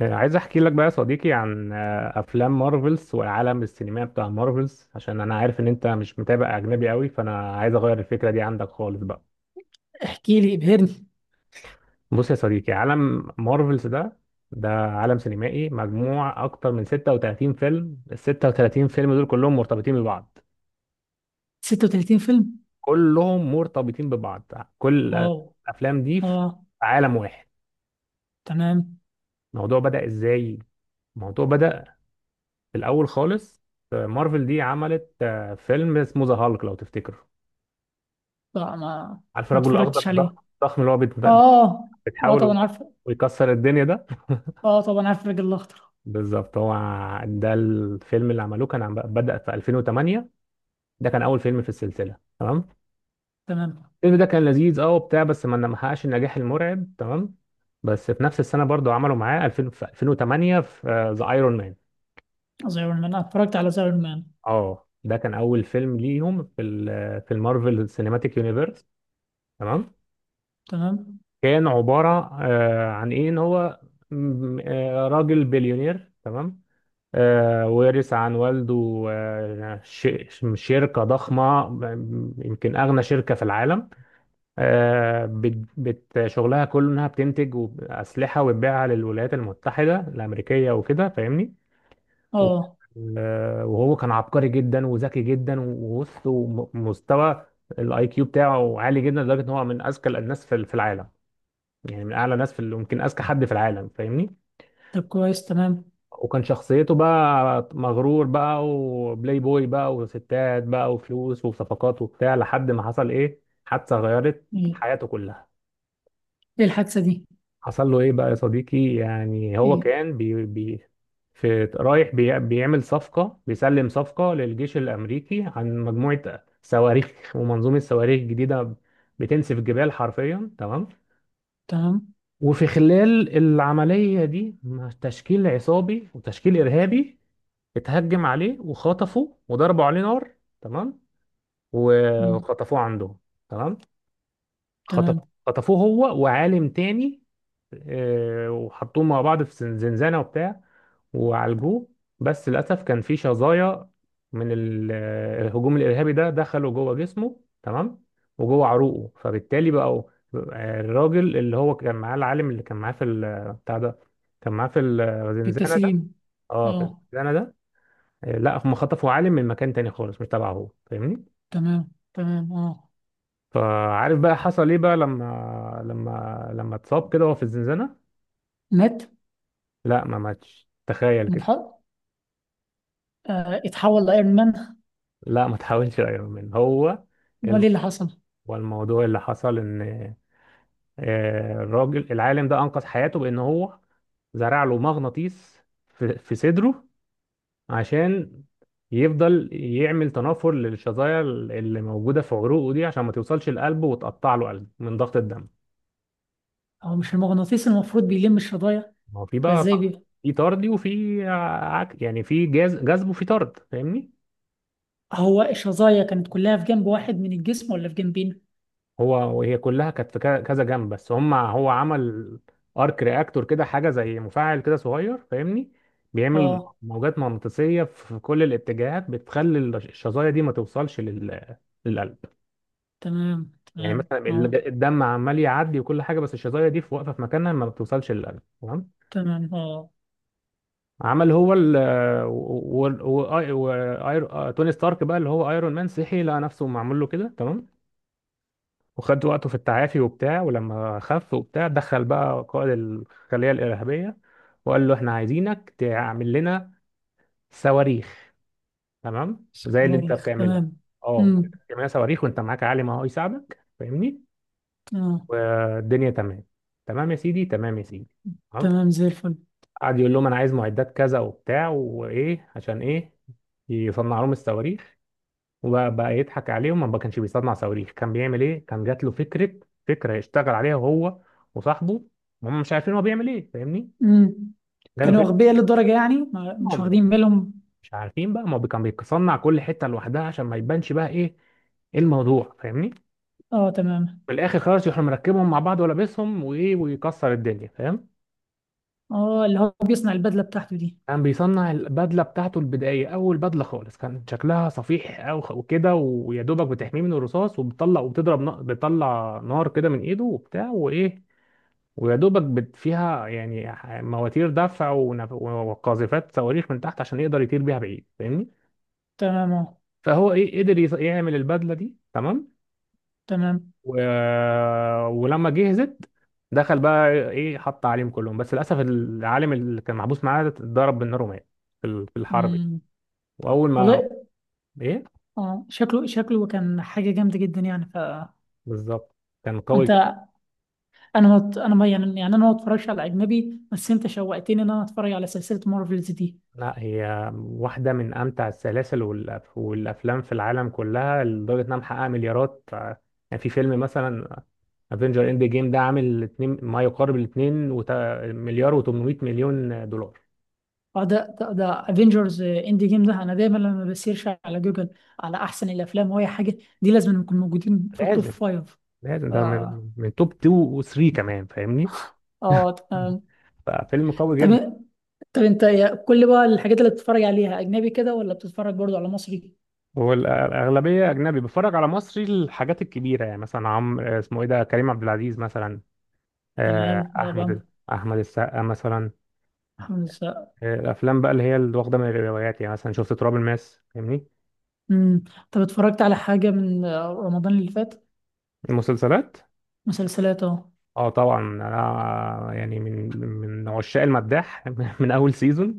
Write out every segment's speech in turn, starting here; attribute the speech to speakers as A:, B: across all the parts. A: عايز احكي لك بقى يا صديقي عن افلام مارفلز والعالم السينمائي بتاع مارفلز عشان انا عارف ان انت مش متابع اجنبي قوي، فانا عايز اغير الفكره دي عندك خالص بقى.
B: احكي لي، ابهرني.
A: بص يا صديقي، عالم مارفلز ده عالم سينمائي مجموع اكتر من 36 فيلم، ال 36 فيلم دول كلهم مرتبطين ببعض،
B: 36 فيلم؟
A: كلهم مرتبطين ببعض كل
B: واو.
A: الافلام دي في
B: اه،
A: عالم واحد.
B: تمام.
A: الموضوع بدأ ازاي؟ الموضوع بدأ في الاول خالص. مارفل دي عملت فيلم اسمه ذا هالك، لو تفتكر.
B: لا، ما
A: عارف الرجل الاخضر
B: اتفرجتش عليه.
A: الضخم الضخم اللي هو
B: اه. اه، طبعا
A: بتحاول
B: عارف.
A: ويكسر الدنيا ده
B: اه، طبعا عارف الراجل الاخضر.
A: بالظبط، هو ده الفيلم اللي عملوه، كان بدأ في 2008. ده كان اول فيلم في السلسله، تمام.
B: تمام.
A: الفيلم ده كان لذيذ، اه، وبتاع، بس ما حققش النجاح المرعب، تمام. بس في نفس السنه برضو عملوا معاه 2000، في 2008، في ذا ايرون مان.
B: زي ايرون مان، أنا اتفرجت على زي ايرون مان.
A: اه، ده كان اول فيلم ليهم في في المارفل سينماتيك يونيفرس، تمام.
B: تمام،
A: كان عباره عن ايه، ان هو راجل بليونير، تمام. ورث عن والده شركة ضخمة، يمكن أغنى شركة في العالم. شغلها كله إنها بتنتج أسلحة وتبيعها للولايات المتحدة الأمريكية وكده، فاهمني؟ و-
B: اه.
A: وهو كان عبقري جدا وذكي جدا، وبص، ومستوى الاي كيو بتاعه عالي جدا لدرجة إن هو من أذكى الناس في العالم. يعني من أعلى ناس في يمكن أذكى حد في العالم، فاهمني؟
B: طب كويس، تمام.
A: وكان شخصيته بقى مغرور بقى، وبلاي بوي بقى، وستات بقى، وفلوس وصفقات وبتاع، لحد ما حصل ايه، حادثة غيرت
B: ايه
A: حياته كلها.
B: ايه الحادثه دي؟
A: حصل له ايه بقى يا صديقي؟ يعني هو
B: ايه؟
A: كان بي بي في رايح بيعمل صفقة، بيسلم صفقة للجيش الأمريكي عن مجموعة صواريخ ومنظومة صواريخ جديدة بتنسف الجبال حرفيا، تمام.
B: تمام.
A: وفي خلال العملية دي، تشكيل عصابي وتشكيل إرهابي اتهجم عليه وخطفه وضربوا عليه نار، تمام.
B: مم.
A: وخطفوه عندهم، تمام. خطف
B: تمام.
A: خطفوه هو وعالم تاني. وحطوهم مع بعض في زنزانة وبتاع، وعالجوه. بس للأسف كان في شظايا من الهجوم الإرهابي ده دخلوا جوه جسمه، تمام، وجوه عروقه. فبالتالي بقوا الراجل اللي هو كان معاه، العالم اللي كان معاه في ال- بتاع ده، كان معاه في
B: في
A: الزنزانة ده.
B: التسليم؟
A: اه، في
B: اه.
A: الزنزانة ده. لا، هم خطفوا عالم من مكان تاني خالص، مش تبعه هو، فاهمني؟
B: تمام، تمام، اه.
A: فعارف بقى حصل ايه بقى لما لما اتصاب كده وهو في الزنزانة؟
B: مات؟
A: لا، ما ماتش، تخيل
B: من
A: كده.
B: الحرب؟ آه، اتحول لايرون مان؟
A: لا، ما تحاولش يا ايرون مان هو.
B: امال
A: الم...
B: ايه اللي حصل؟
A: هو الموضوع اللي حصل ان الراجل العالم ده انقذ حياته بان هو زرع له مغناطيس في صدره، عشان يفضل يعمل تنافر للشظايا اللي موجودة في عروقه دي عشان ما توصلش لقلبه وتقطع له قلب من ضغط الدم.
B: هو مش المغناطيس المفروض بيلم الشظايا؟
A: ما هو في
B: فازاي؟
A: بقى، في طرد وفي يعني في جاز جذب وفي طرد، فاهمني؟
B: هو الشظايا كانت كلها في جنب واحد من الجسم ولا في جنبين؟
A: هو وهي كلها كانت في كذا جنب، بس هو عمل ارك رياكتور كده، حاجه زي مفاعل كده صغير، فاهمني؟ بيعمل
B: اه،
A: موجات مغناطيسيه في كل الاتجاهات بتخلي الشظايا دي ما توصلش للقلب.
B: تمام،
A: يعني
B: تمام،
A: مثلا
B: اه.
A: الدم عمال يعدي وكل حاجه، بس الشظايا دي في، واقفه في مكانها، ما بتوصلش للقلب، تمام.
B: تمام، اه.
A: عمل هو ال و... و... و... و... آير... آه، توني ستارك بقى، اللي هو ايرون مان، صحي لقى نفسه معمول له كده، تمام. وخد وقته في التعافي وبتاع، ولما خف وبتاع دخل بقى قائد الخلية الإرهابية وقال له احنا عايزينك تعمل لنا صواريخ، تمام، زي اللي انت
B: صواريخ،
A: بتعملها.
B: تمام.
A: اه،
B: امم.
A: تعمل لنا صواريخ وانت معاك عالم اهو يساعدك، فاهمني؟
B: اه.
A: والدنيا تمام. تمام يا سيدي، تمام يا سيدي، تمام.
B: تمام، زي الفل.
A: قعد يقول لهم انا عايز معدات كذا وبتاع وايه، عشان ايه؟ يصنع لهم الصواريخ. وبقى يضحك عليهم، ما كانش بيصنع صواريخ، كان بيعمل ايه؟ كان جات له فكره، فكره يشتغل عليها هو وصاحبه، هم مش عارفين هو بيعمل ايه، فاهمني؟
B: امم.
A: جات له
B: كانوا
A: فكره.
B: اغبياء للدرجه، يعني ما مش
A: هم مش
B: واخدين بالهم؟
A: مش عارفين بقى، ما هو كان بيصنع كل حته لوحدها عشان ما يبانش بقى ايه، ايه الموضوع، فاهمني؟
B: اه، تمام.
A: في الاخر خلاص يروح مركبهم مع بعض ولابسهم وايه، ويكسر الدنيا، فاهم؟
B: اه، اللي هو بيصنع البدله بتاعته دي.
A: كان بيصنع البدله بتاعته البدائيه، اول بدله خالص كان شكلها صفيح، او وكده، ويا دوبك بتحميه من الرصاص، وبتطلع وبتضرب بتطلع نار كده من ايده وبتاع وايه. ويا دوبك فيها يعني مواتير دفع وقاذفات صواريخ من تحت عشان يقدر يطير بيها بعيد، فاهمني؟
B: تمام، اه.
A: فهو ايه، قدر يعمل البدله دي، تمام.
B: تمام.
A: و... ولما جهزت، دخل بقى ايه، حط عليهم كلهم. بس للاسف العالم اللي كان محبوس معاه ده اتضرب بالنار ومات في في الحرب دي.
B: امم.
A: واول ما
B: والله.
A: ايه،
B: اه، شكله كان حاجه جامده جدا يعني.
A: بالظبط، كان قوي
B: فانت،
A: جدا.
B: انا ما انا ما يعني انا ما اتفرجش على اجنبي، بس انت شوقتني ان انا اتفرج على سلسله مارفلز دي.
A: لا، هي واحدة من أمتع السلاسل والأفلام في العالم كلها، لدرجة إنها محققة مليارات. يعني في فيلم مثلا افنجر اند جيم ده عامل اتنين، ما يقارب الاتنين مليار و800 مليون دولار.
B: ده افنجرز اند جيم ده، انا دايما لما بسيرش على جوجل على احسن الافلام واي حاجه دي لازم نكون موجودين في التوب
A: لازم،
B: فايف.
A: لازم، ده
B: اه،
A: من توب 2 و3 كمان، فاهمني؟
B: اه، تمام.
A: ففيلم قوي
B: طب
A: جدا.
B: طب انت كل بقى الحاجات اللي بتتفرج عليها اجنبي كده، ولا بتتفرج برضو على مصري؟
A: والأغلبية أجنبي، بتفرج على مصري الحاجات الكبيرة، يعني مثلا، عم اسمه إيه ده، كريم عبد العزيز مثلا، آه،
B: تمام،
A: أحمد
B: طبعا.
A: أحمد السقا مثلا.
B: الحمد لله.
A: الافلام بقى اللي هي اللي واخده من الروايات، يعني مثلا شفت تراب الماس، فاهمني؟
B: امم. طب اتفرجت على حاجه من رمضان اللي فات؟
A: المسلسلات،
B: مسلسلات، اه.
A: اه طبعا، انا يعني من عشاق المداح من اول سيزون.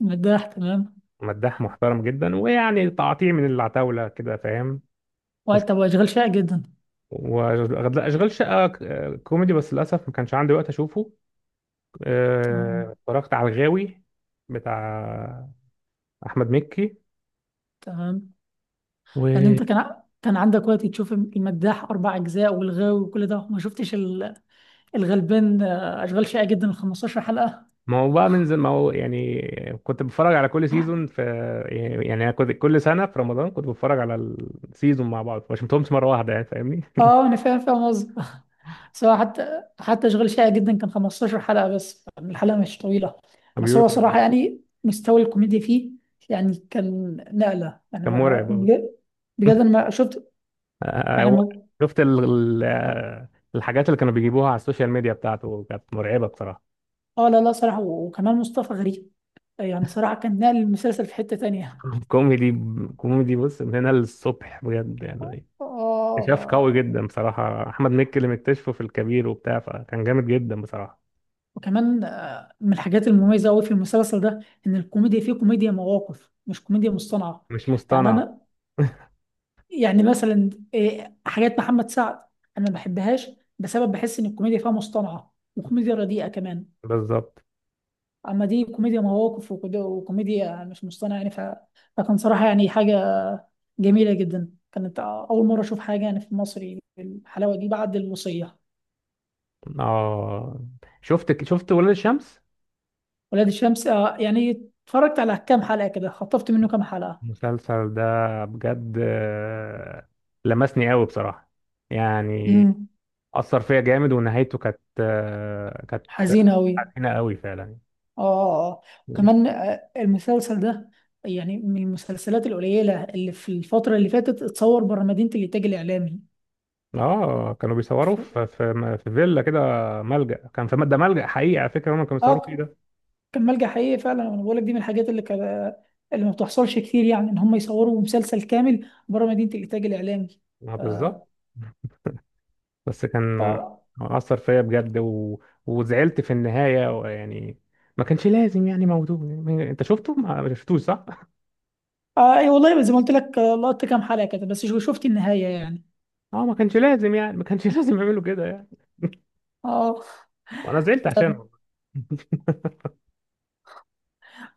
B: مداح، تمام.
A: مداح محترم جدا، ويعني تعطيه من العتاوله كده، فاهم؟ وش-
B: وقت، طب، واشغال شائع جدا؟
A: واشغال شقه، كوميدي، بس للاسف ما كانش عندي وقت اشوفه.
B: تمام،
A: اتفرجت على الغاوي بتاع احمد مكي.
B: تمام. يعني انت كان عندك وقت تشوف المداح اربع اجزاء والغاوي وكل ده، وما شفتش الغلبان؟ اشغال شائعة جدا ال 15 حلقة.
A: ما هو بقى ما هو يعني كنت بتفرج على كل سيزون في، يعني أنا كنت كل سنة في رمضان كنت بتفرج على السيزون مع بعض، ما شفتهمش مرة واحدة يعني، فاهمني؟
B: اه، انا فاهم قصدك. بس هو حتى اشغال شائع جدا كان 15 حلقة، بس الحلقة مش طويلة.
A: كان
B: بس
A: بيقولوا،
B: هو صراحة يعني مستوى الكوميديا فيه، يعني كان نقلة، يعني
A: كان مرعب أوي.
B: بجد. بجد انا ما شفت، يعني
A: هو شفت الحاجات اللي كانوا بيجيبوها على السوشيال ميديا بتاعته كانت مرعبة بصراحة.
B: اه. لا، لا، صراحة، وكمان مصطفى غريب. يعني صراحة كان نقل المسلسل في حتة تانية،
A: كوميدي، كوميدي، بص، من هنا للصبح بجد يعني. اكتشاف قوي
B: اه.
A: جدا بصراحة، أحمد مكي اللي مكتشفه في الكبير وبتاع، فكان جامد جدا بصراحة.
B: وكمان من الحاجات المميزة أوي في المسلسل ده، إن الكوميديا فيه كوميديا مواقف، مش كوميديا مصطنعة،
A: مش
B: يعني.
A: مصطنع،
B: أنا يعني مثلا إيه، حاجات محمد سعد أنا ما بحبهاش، بسبب بحس إن الكوميديا فيها مصطنعة وكوميديا رديئة كمان.
A: بالظبط.
B: أما دي كوميديا مواقف، وكوميديا مش مصطنعة، يعني فكان صراحة يعني حاجة جميلة جدا، كانت أول مرة أشوف حاجة يعني في مصري بالحلاوة دي بعد الوصية.
A: اه، شفت ولاد الشمس؟
B: ولاد الشمس، يعني اتفرجت على كام حلقة كده، خطفت منه كام حلقة.
A: المسلسل ده بجد لمسني قوي بصراحة، يعني
B: امم.
A: أثر فيا جامد، ونهايته كانت كانت
B: حزينة أوي.
A: حزينة قوي فعلا.
B: اه، اه، آه. كمان المسلسل ده يعني من المسلسلات القليلة اللي في الفترة اللي فاتت اتصور بره مدينة الإنتاج الإعلامي.
A: اه، كانوا بيصوروا
B: ف-
A: في في فيلا كده، ملجأ، كان في ده ملجأ حقيقي على فكرة، هم كانوا بيصوروا
B: اه.
A: فيه ده.
B: كان ملجأ حقيقي فعلا، أنا بقول لك دي من الحاجات اللي كان، اللي ما بتحصلش كتير، يعني إن هم يصوروا مسلسل كامل بره مدينة الإنتاج الإعلامي.
A: اه،
B: آه.
A: بالظبط. بس
B: ف،
A: كان أثر فيا بجد، وزعلت في النهاية يعني، ما كانش لازم يعني موضوع، انت شفته، ما شفتوش؟ صح.
B: آه، أي والله زي ما قلت لك، لقطت كام حلقة كده، بس شفت النهاية يعني،
A: اه، ما كانش لازم يعني، ما كانش لازم يعملوا كده يعني.
B: اه.
A: وانا زعلت عشانه.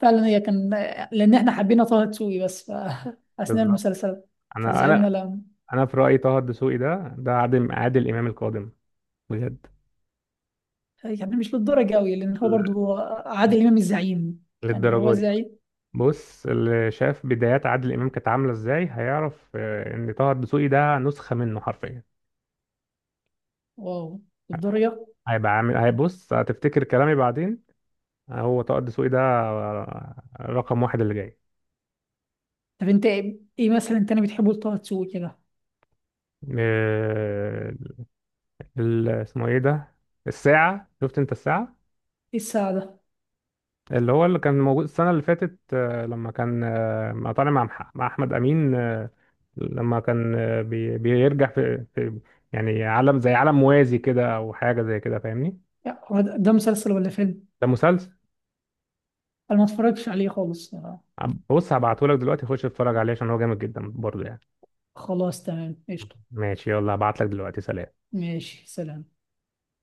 B: فعلا هي كان لأن احنا حبينا طه دسوقي، بس أثناء
A: بالظبط.
B: المسلسل
A: انا
B: فزعلنا
A: انا
B: لما.
A: انا في رايي طه الدسوقي ده عادل امام القادم، بجد.
B: يعني مش للدرجة قوي، لأن هو
A: لا،
B: برضو عادل إمام الزعيم، يعني هو
A: للدرجه دي.
B: زعيم.
A: بص، اللي شاف بدايات عادل امام كانت عامله ازاي هيعرف ان طه الدسوقي ده نسخه منه حرفيا.
B: واو، للدرجة.
A: هيبقى عامل، هيبص، هتفتكر كلامي بعدين. هو طه الدسوقي ده رقم واحد اللي جاي.
B: طب أنت إيه مثلا تاني بتحبه لطه دسوقي كده؟
A: آه، اسمه ايه ده، الساعه، شفت انت الساعه؟
B: إيه الساعة ده؟
A: اللي هو اللي كان موجود السنة اللي فاتت، لما كان طالع مع مع أحمد أمين، لما كان بيرجع في يعني عالم زي عالم موازي كده، أو حاجة زي كده، فاهمني؟
B: يعني هو ده مسلسل ولا فيلم؟
A: ده مسلسل.
B: أنا ما اتفرجتش عليه خالص،
A: بص هبعتهولك دلوقتي، خش اتفرج عليه عشان هو جامد جدا برضه يعني.
B: خلاص تمام، قشطة.
A: ماشي، يلا هبعتلك دلوقتي، سلام.
B: ماشي، سلام.